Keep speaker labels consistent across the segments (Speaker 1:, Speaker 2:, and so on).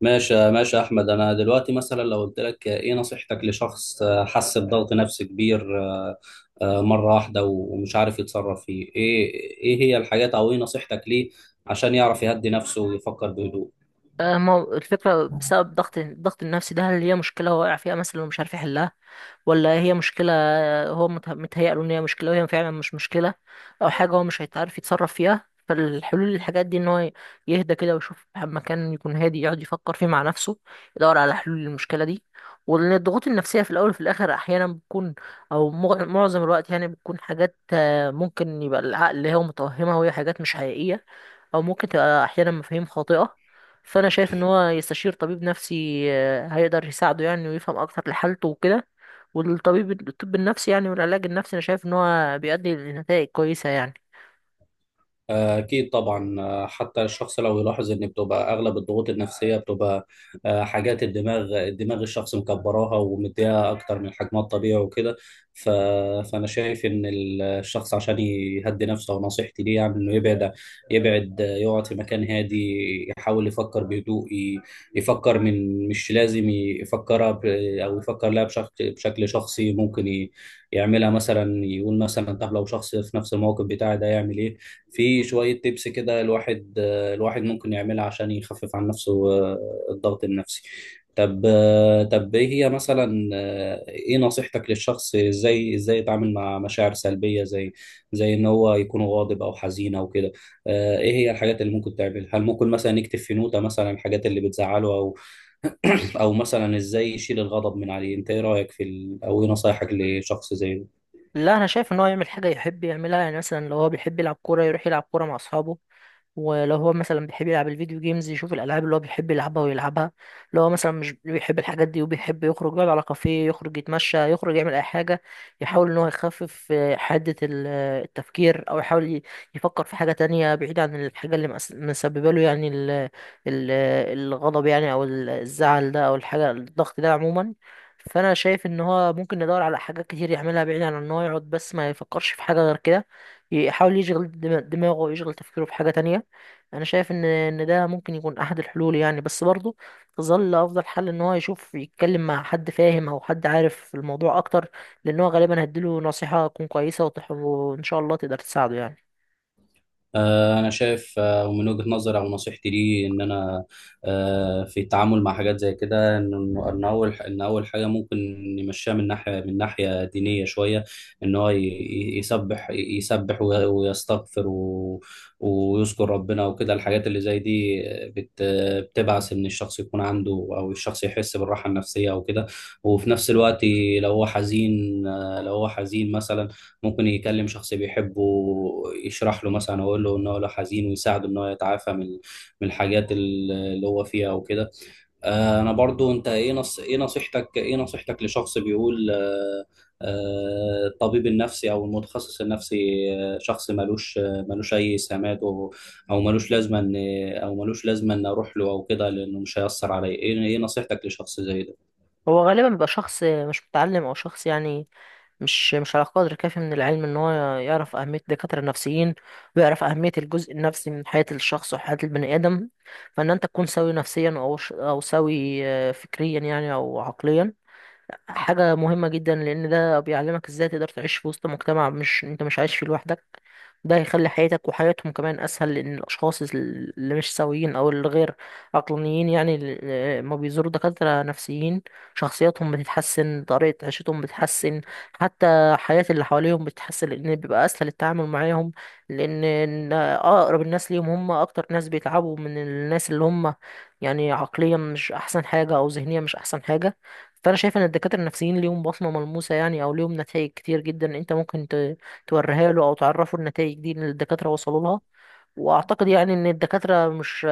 Speaker 1: ماشي ماشي يا احمد، انا دلوقتي مثلا لو قلت لك ايه نصيحتك لشخص حس بضغط نفسي كبير، مره واحده ومش عارف يتصرف فيه ايه؟ ايه هي الحاجات او ايه نصيحتك ليه عشان يعرف يهدي نفسه ويفكر بهدوء؟
Speaker 2: ما هو الفكرة بسبب الضغط النفسي ده، هل هي مشكلة هو واقع فيها مثلا ومش عارف يحلها، ولا هي مشكلة هو متهيأ له إن هي مشكلة وهي فعلا مش مشكلة، أو حاجة هو مش هيتعرف يتصرف فيها. فالحلول للحاجات دي إن هو يهدى كده ويشوف مكان يكون هادي يقعد يفكر فيه مع نفسه، يدور على حلول للمشكلة دي. وإن الضغوط النفسية في الأول وفي الآخر أحيانا بتكون، أو معظم الوقت يعني بتكون حاجات ممكن يبقى العقل هو متوهمها وهي حاجات مش حقيقية، او ممكن تبقى احيانا مفاهيم خاطئة. فانا شايف ان هو يستشير طبيب نفسي، هيقدر يساعده يعني ويفهم اكتر لحالته وكده. الطب النفسي يعني والعلاج النفسي انا شايف ان هو بيؤدي لنتائج كويسة يعني.
Speaker 1: أكيد طبعا. حتى الشخص لو يلاحظ إن بتبقى أغلب الضغوط النفسية بتبقى حاجات الدماغ الشخص مكبراها ومديها أكتر من حجمها الطبيعي وكده. ف... فأنا شايف إن الشخص عشان يهدي نفسه، ونصيحتي ليه يعني إنه يبعد، يقعد في مكان هادي، يحاول يفكر بهدوء، يفكر من مش لازم يفكرها، أو يفكر لها بشكل شخصي ممكن يعملها. مثلا يقول مثلا طب لو شخص في نفس الموقف بتاعي ده يعمل إيه؟ في شوية تيبس كده الواحد ممكن يعملها عشان يخفف عن نفسه الضغط النفسي. طب طب ايه هي مثلا، ايه نصيحتك للشخص ازاي يتعامل مع مشاعر سلبية زي ان هو يكون غاضب او حزين او كده؟ ايه هي الحاجات اللي ممكن تعملها؟ هل ممكن مثلا يكتب في نوتة مثلا الحاجات اللي بتزعله، او او مثلا ازاي يشيل الغضب من عليه؟ انت ايه رأيك في او ايه نصايحك لشخص زي ده؟
Speaker 2: لا انا شايف ان هو يعمل حاجة يحب يعملها، يعني مثلا لو هو بيحب يلعب كورة يروح يلعب كورة مع اصحابه، ولو هو مثلا بيحب يلعب الفيديو جيمز يشوف الالعاب اللي هو بيحب يلعبها ويلعبها. لو هو مثلا مش بيحب الحاجات دي وبيحب يخرج يقعد على كافيه، يخرج يتمشى، يخرج يعمل اي حاجه، يحاول ان هو يخفف حده التفكير، او يحاول يفكر في حاجه تانية بعيد عن الحاجه اللي مسببه له، يعني ال ال آه، الغضب يعني او الزعل ده او الضغط ده عموما. فانا شايف ان هو ممكن يدور على حاجات كتير يعملها بعيد عن ان هو يقعد بس ما يفكرش في حاجه غير كده، يحاول يشغل دماغه ويشغل تفكيره في حاجه تانية. انا شايف ان ده ممكن يكون احد الحلول يعني، بس برضه تظل افضل حل ان هو يشوف يتكلم مع حد فاهم او حد عارف في الموضوع اكتر، لان هو غالبا هيديله نصيحة تكون كويسة وان شاء الله تقدر تساعده يعني.
Speaker 1: أنا شايف، ومن وجهة نظري أو نصيحتي لي إن أنا، في التعامل مع حاجات زي كده، إن أول حاجة ممكن نمشيها من ناحية دينية شوية. إن هو يسبح ويستغفر ويذكر ربنا وكده. الحاجات اللي زي دي بت- بتبعث إن الشخص يكون عنده، أو الشخص يحس بالراحة النفسية وكده. وفي نفس الوقت لو هو حزين، لو هو حزين مثلا، ممكن يكلم شخص بيحبه يشرح له مثلا، ويقول له ان هو لو حزين، ويساعده ان هو يتعافى من الحاجات اللي هو فيها وكده. انا برضو انت ايه نصيحتك لشخص بيقول، الطبيب النفسي او المتخصص النفسي، شخص ملوش اي سمات، او او ملوش لازمه ان ملوش لازمه ان اروح له او كده، لانه مش هيأثر عليا، ايه نصيحتك لشخص زي ده؟
Speaker 2: هو غالبا بيبقى شخص مش متعلم او شخص يعني مش على قدر كافي من العلم ان هو يعرف اهمية الدكاترة النفسيين، ويعرف اهمية الجزء النفسي من حياة الشخص وحياة البني ادم. فان انت تكون سوي نفسيا او او سوي فكريا يعني او عقليا حاجة مهمة جدا، لأن ده بيعلمك ازاي تقدر تعيش في وسط مجتمع مش انت مش عايش فيه لوحدك. ده هيخلي حياتك وحياتهم كمان أسهل، لأن الأشخاص اللي مش سويين أو اللي غير عقلانيين، يعني اللي ما بيزوروا دكاترة نفسيين، شخصياتهم بتتحسن، طريقة عيشتهم بتتحسن، حتى حياة اللي حواليهم بتتحسن، لأن بيبقى أسهل التعامل معاهم. لأن إن أقرب الناس ليهم هم أكتر ناس بيتعبوا من الناس اللي هم يعني عقليا مش أحسن حاجة أو ذهنيا مش أحسن حاجة. فانا شايف ان الدكاتره النفسيين ليهم بصمه ملموسه يعني، او ليهم نتائج كتير جدا انت ممكن توريها له او تعرفه النتائج دي اللي الدكاتره وصلوا لها. واعتقد يعني ان الدكاترة مش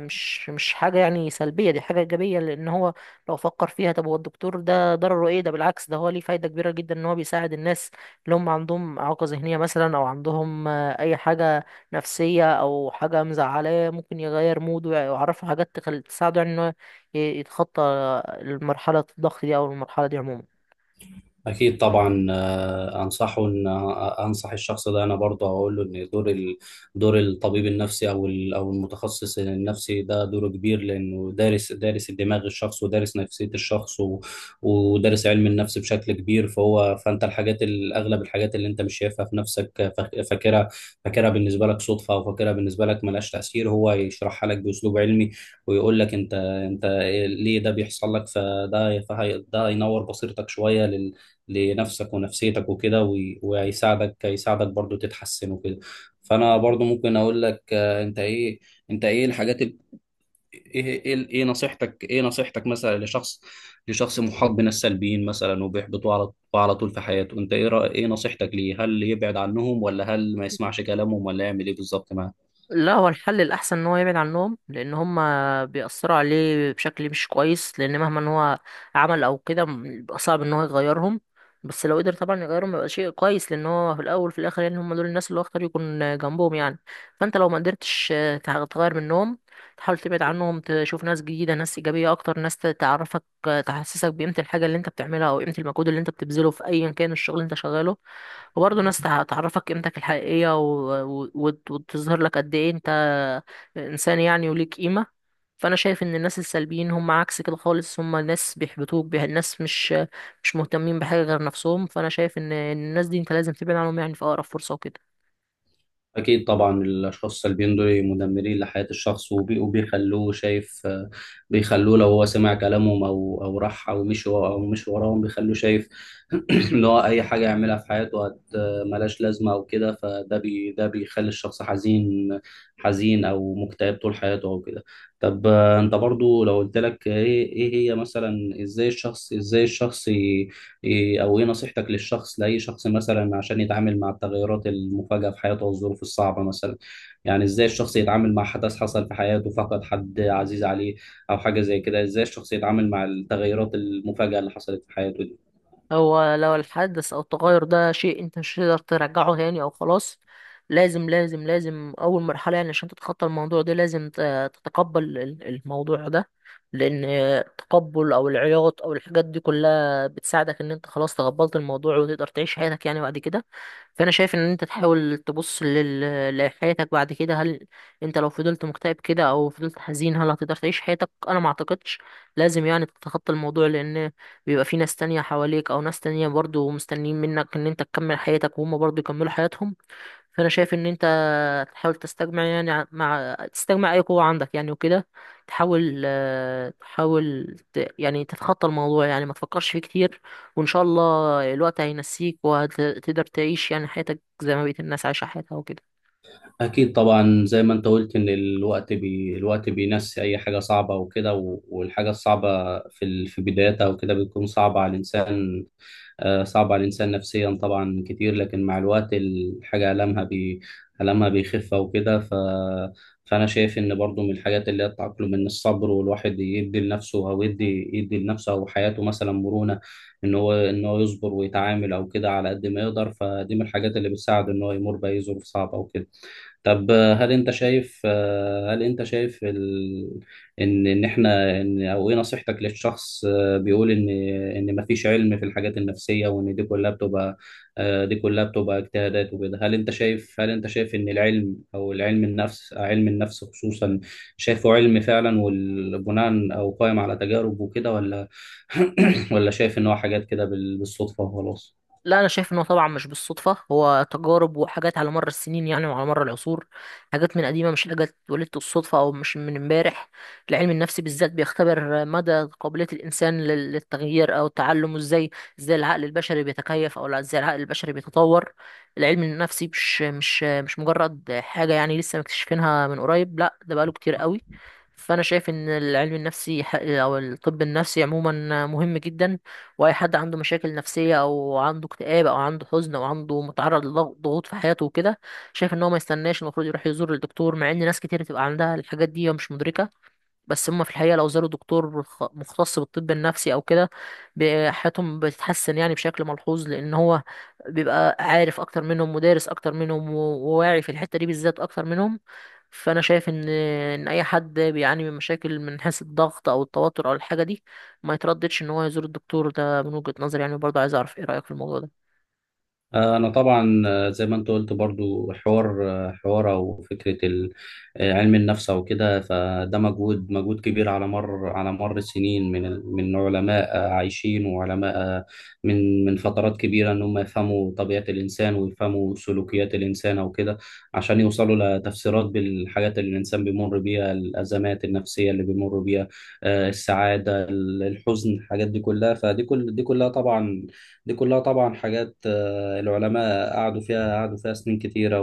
Speaker 2: مش مش حاجة يعني سلبية، دي حاجة ايجابية، لان هو لو فكر فيها، طب هو الدكتور ده ضرره ايه؟ ده بالعكس، ده هو ليه فايدة كبيرة جدا، ان هو بيساعد الناس اللي هم عندهم اعاقة ذهنية مثلا او عندهم اي حاجة نفسية او حاجة مزعلاه، ممكن يغير موده ويعرفه حاجات تساعده يعني ان هو يتخطى المرحلة الضغط دي او المرحلة دي عموما.
Speaker 1: أكيد طبعا. أنصحه إن آه، أنصح الشخص ده. أنا برضه أقول له إن دور الطبيب النفسي أو المتخصص النفسي، ده دوره كبير لأنه دارس الدماغ الشخص، ودارس نفسية الشخص، ودارس علم النفس بشكل كبير. فأنت الحاجات، أغلب الحاجات اللي أنت مش شايفها في نفسك، فاكرها بالنسبة لك صدفة، أو فاكرها بالنسبة لك ملهاش تأثير، هو يشرحها لك بأسلوب علمي، ويقول لك أنت، ليه ده بيحصل لك. فده ده هي- ده ينور بصيرتك شوية لنفسك ونفسيتك وكده، وهيساعدك برضو تتحسن وكده. فانا برضو ممكن اقول لك، انت ايه الحاجات ايه نصيحتك مثلا لشخص، محاط من السلبيين مثلا، وبيحبطوا على طول في حياته. انت ايه نصيحتك ليه؟ هل يبعد عنهم، ولا هل ما يسمعش كلامهم، ولا يعمل ايه بالظبط معاه؟
Speaker 2: لا، هو الحل الأحسن إن هو يبعد عنهم، لأن هما بيأثروا عليه بشكل مش كويس، لأن مهما إن هو عمل أو كده بيبقى صعب إن هو يغيرهم. بس لو قدر طبعا يغيرهم يبقى شيء كويس، لأن هو في الأول وفي الآخر يعني هما دول الناس اللي هو اختار يكون جنبهم يعني. فأنت لو ما قدرتش تغير منهم، تحاول تبعد عنهم، تشوف ناس جديدة، ناس إيجابية أكتر، ناس تعرفك، تحسسك بقيمة الحاجة اللي أنت بتعملها أو قيمة المجهود اللي أنت بتبذله في أيا كان الشغل اللي أنت شغاله. وبرضه ناس تعرفك قيمتك الحقيقية وتظهر لك قد ايه انت انسان يعني وليك قيمة. فانا شايف ان الناس السلبيين هم عكس كده خالص، هم ناس بيحبطوك بيها، الناس مش مهتمين بحاجة غير نفسهم. فانا شايف ان الناس دي انت لازم تبعد عنهم يعني في اقرب فرصة وكده.
Speaker 1: أكيد طبعا. الأشخاص السلبيين دول مدمرين لحياة الشخص، وبيخلوه شايف بيخلوه لو هو سمع كلامهم، أو راح، أو مشي وراهم، بيخلوه شايف، إن هو أي حاجة يعملها في حياته ملهاش لازمة أو كده. فده بي ده بيخلي الشخص حزين أو مكتئب طول حياته أو كده. طب، أنت برضو لو قلت لك إيه، هي مثلا، إزاي الشخص إيه او ايه نصيحتك للشخص، لاي شخص مثلا عشان يتعامل مع التغيرات المفاجئه في حياته والظروف الصعبه مثلا؟ يعني ازاي الشخص يتعامل مع حدث حصل في حياته، فقد حد عزيز عليه او حاجه زي كده؟ ازاي الشخص يتعامل مع التغيرات المفاجئه اللي حصلت في حياته دي؟
Speaker 2: هو لو الحدث او التغير ده شيء انت مش هتقدر ترجعه تاني او خلاص، لازم لازم لازم اول مرحله يعني عشان تتخطى الموضوع ده، لازم تتقبل الموضوع ده، لان التقبل او العياط او الحاجات دي كلها بتساعدك ان انت خلاص تقبلت الموضوع وتقدر تعيش حياتك يعني بعد كده. فانا شايف ان انت تحاول تبص لحياتك بعد كده، هل انت لو فضلت مكتئب كده او فضلت حزين هل هتقدر تعيش حياتك؟ انا ما اعتقدش. لازم يعني تتخطى الموضوع، لان بيبقى في ناس تانية حواليك او ناس تانية برضو مستنيين منك ان انت تكمل حياتك وهم برضو يكملوا حياتهم. فانا شايف ان انت تحاول تستجمع يعني مع تستجمع اي قوة عندك يعني وكده، تحاول يعني تتخطى الموضوع، يعني ما تفكرش فيه كتير، وان شاء الله الوقت هينسيك وهتقدر تعيش يعني حياتك زي ما بقية الناس عايشة حياتها وكده.
Speaker 1: أكيد طبعا. زي ما أنت قلت، إن الوقت بينسي أي حاجة صعبة وكده، والحاجة الصعبة في في بدايتها وكده بتكون صعبة على الإنسان نفسيا طبعا كتير. لكن مع الوقت الحاجة ألمها بيخف وكده. فأنا شايف إن برضو من الحاجات اللي هي التأقلم، إن الصبر، والواحد يدي لنفسه، أو يدي لنفسه أو حياته مثلا مرونة. إن هو يصبر ويتعامل أو كده على قد ما يقدر، فدي من الحاجات اللي بتساعده إن هو يمر بأي ظروف صعبة وكده. طب، هل انت شايف ان ان احنا ان او ايه نصيحتك للشخص بيقول ان مفيش علم في الحاجات النفسية، وان دي كلها بتبقى اجتهادات وكده؟ هل انت شايف ان العلم او العلم النفس علم النفس خصوصا، شايفه علم فعلا والبناء او قائم على تجارب وكده، ولا ولا شايف ان هو حاجات كده بالصدفة وخلاص؟
Speaker 2: لا انا شايف انه طبعا مش بالصدفه، هو تجارب وحاجات على مر السنين يعني وعلى مر العصور، حاجات من قديمه، مش حاجات ولدت الصدفه او مش من امبارح. العلم النفسي بالذات بيختبر مدى قابليه الانسان للتغيير او التعلم، وازاي ازاي العقل البشري بيتكيف، او لا، ازاي العقل البشري بيتطور. العلم النفسي مش مجرد حاجه يعني لسه مكتشفينها من قريب، لا، ده بقاله كتير قوي. فانا شايف ان العلم النفسي او الطب النفسي عموما مهم جدا، واي حد عنده مشاكل نفسيه او عنده اكتئاب او عنده حزن او عنده متعرض لضغوط في حياته وكده، شايف ان هو ما يستناش، المفروض يروح يزور الدكتور. مع ان ناس كتير تبقى عندها الحاجات دي ومش مدركه، بس هم في الحقيقة لو زاروا دكتور مختص بالطب النفسي أو كده، حياتهم بتتحسن يعني بشكل ملحوظ، لأن هو بيبقى عارف أكتر منهم ودارس أكتر منهم وواعي في الحتة دي بالذات أكتر منهم. فأنا شايف إن أي حد بيعاني من مشاكل من حيث الضغط أو التوتر أو الحاجة دي ما يترددش إن هو يزور الدكتور ده، من وجهة نظري يعني. برضه عايز أعرف إيه رأيك في الموضوع ده.
Speaker 1: أنا طبعا، زي ما أنت قلت برضو، حوار، حوار أو فكرة علم النفس أو كده، فده مجهود كبير على مر السنين، من علماء عايشين، وعلماء، من فترات كبيرة، إن هم يفهموا طبيعة الإنسان، ويفهموا سلوكيات الإنسان أو كده، عشان يوصلوا لتفسيرات بالحاجات اللي الإنسان بيمر بيها، الأزمات النفسية اللي بيمر بيها، السعادة، الحزن، الحاجات دي كلها. فدي كل دي كلها طبعا دي كلها طبعا حاجات، العلماء قعدوا فيها سنين كتيرة،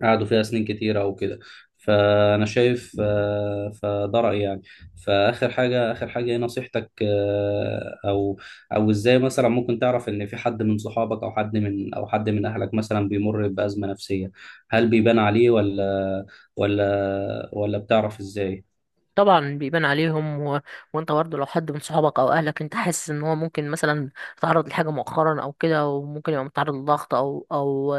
Speaker 1: وقعدوا فيها سنين كتيرة وكده. فأنا شايف، فده رأيي يعني. فآخر حاجة إيه نصيحتك، أو إزاي مثلا ممكن تعرف إن في حد من صحابك، أو حد من أهلك مثلا بيمر بأزمة نفسية؟ هل بيبان عليه، ولا بتعرف إزاي؟
Speaker 2: طبعا بيبان عليهم وانت برضه لو حد من صحابك او اهلك انت حاسس ان هو ممكن مثلا تعرض لحاجه مؤخرا او كده وممكن يبقى متعرض لضغط او او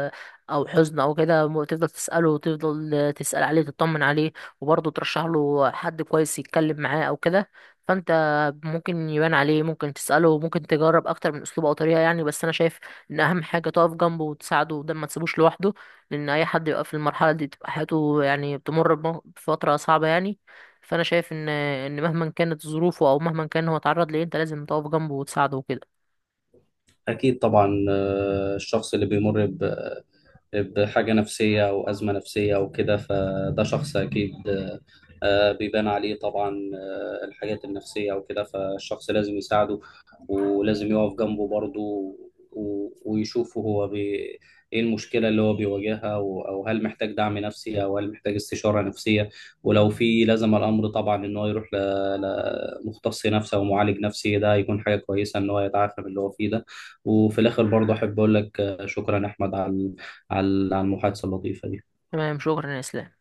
Speaker 2: او حزن او كده، تفضل تساله وتفضل تسال عليه، تطمن عليه، وبرضه ترشح له حد كويس يتكلم معاه او كده. فانت ممكن يبان عليه، ممكن تساله، ممكن تجرب اكتر من اسلوب او طريقه، يعني بس انا شايف ان اهم حاجه تقف جنبه وتساعده، وده ما تسيبوش لوحده، لان اي حد يبقى في المرحله دي بتبقى حياته يعني بتمر بفتره صعبه يعني. فانا شايف ان مهما كانت ظروفه او مهما كان هو اتعرض لايه، انت لازم تقف جنبه وتساعده وكده.
Speaker 1: أكيد طبعا. الشخص اللي بيمر بحاجة نفسية أو أزمة نفسية أو كده، فده شخص أكيد بيبان عليه طبعا الحاجات النفسية وكده، فالشخص لازم يساعده، ولازم يقف جنبه برضه، ويشوفه هو ايه المشكلة اللي هو بيواجهها، او هل محتاج دعم نفسي، او هل محتاج استشارة نفسية، ولو في لزم الامر طبعا ان هو يروح لمختص نفسي او معالج نفسي، ده هيكون حاجة كويسة ان هو يتعافى من اللي هو فيه ده. وفي الاخر برضه احب اقول لك، شكرا احمد على، المحادثة اللطيفة دي.
Speaker 2: تمام، شكرا يا اسلام.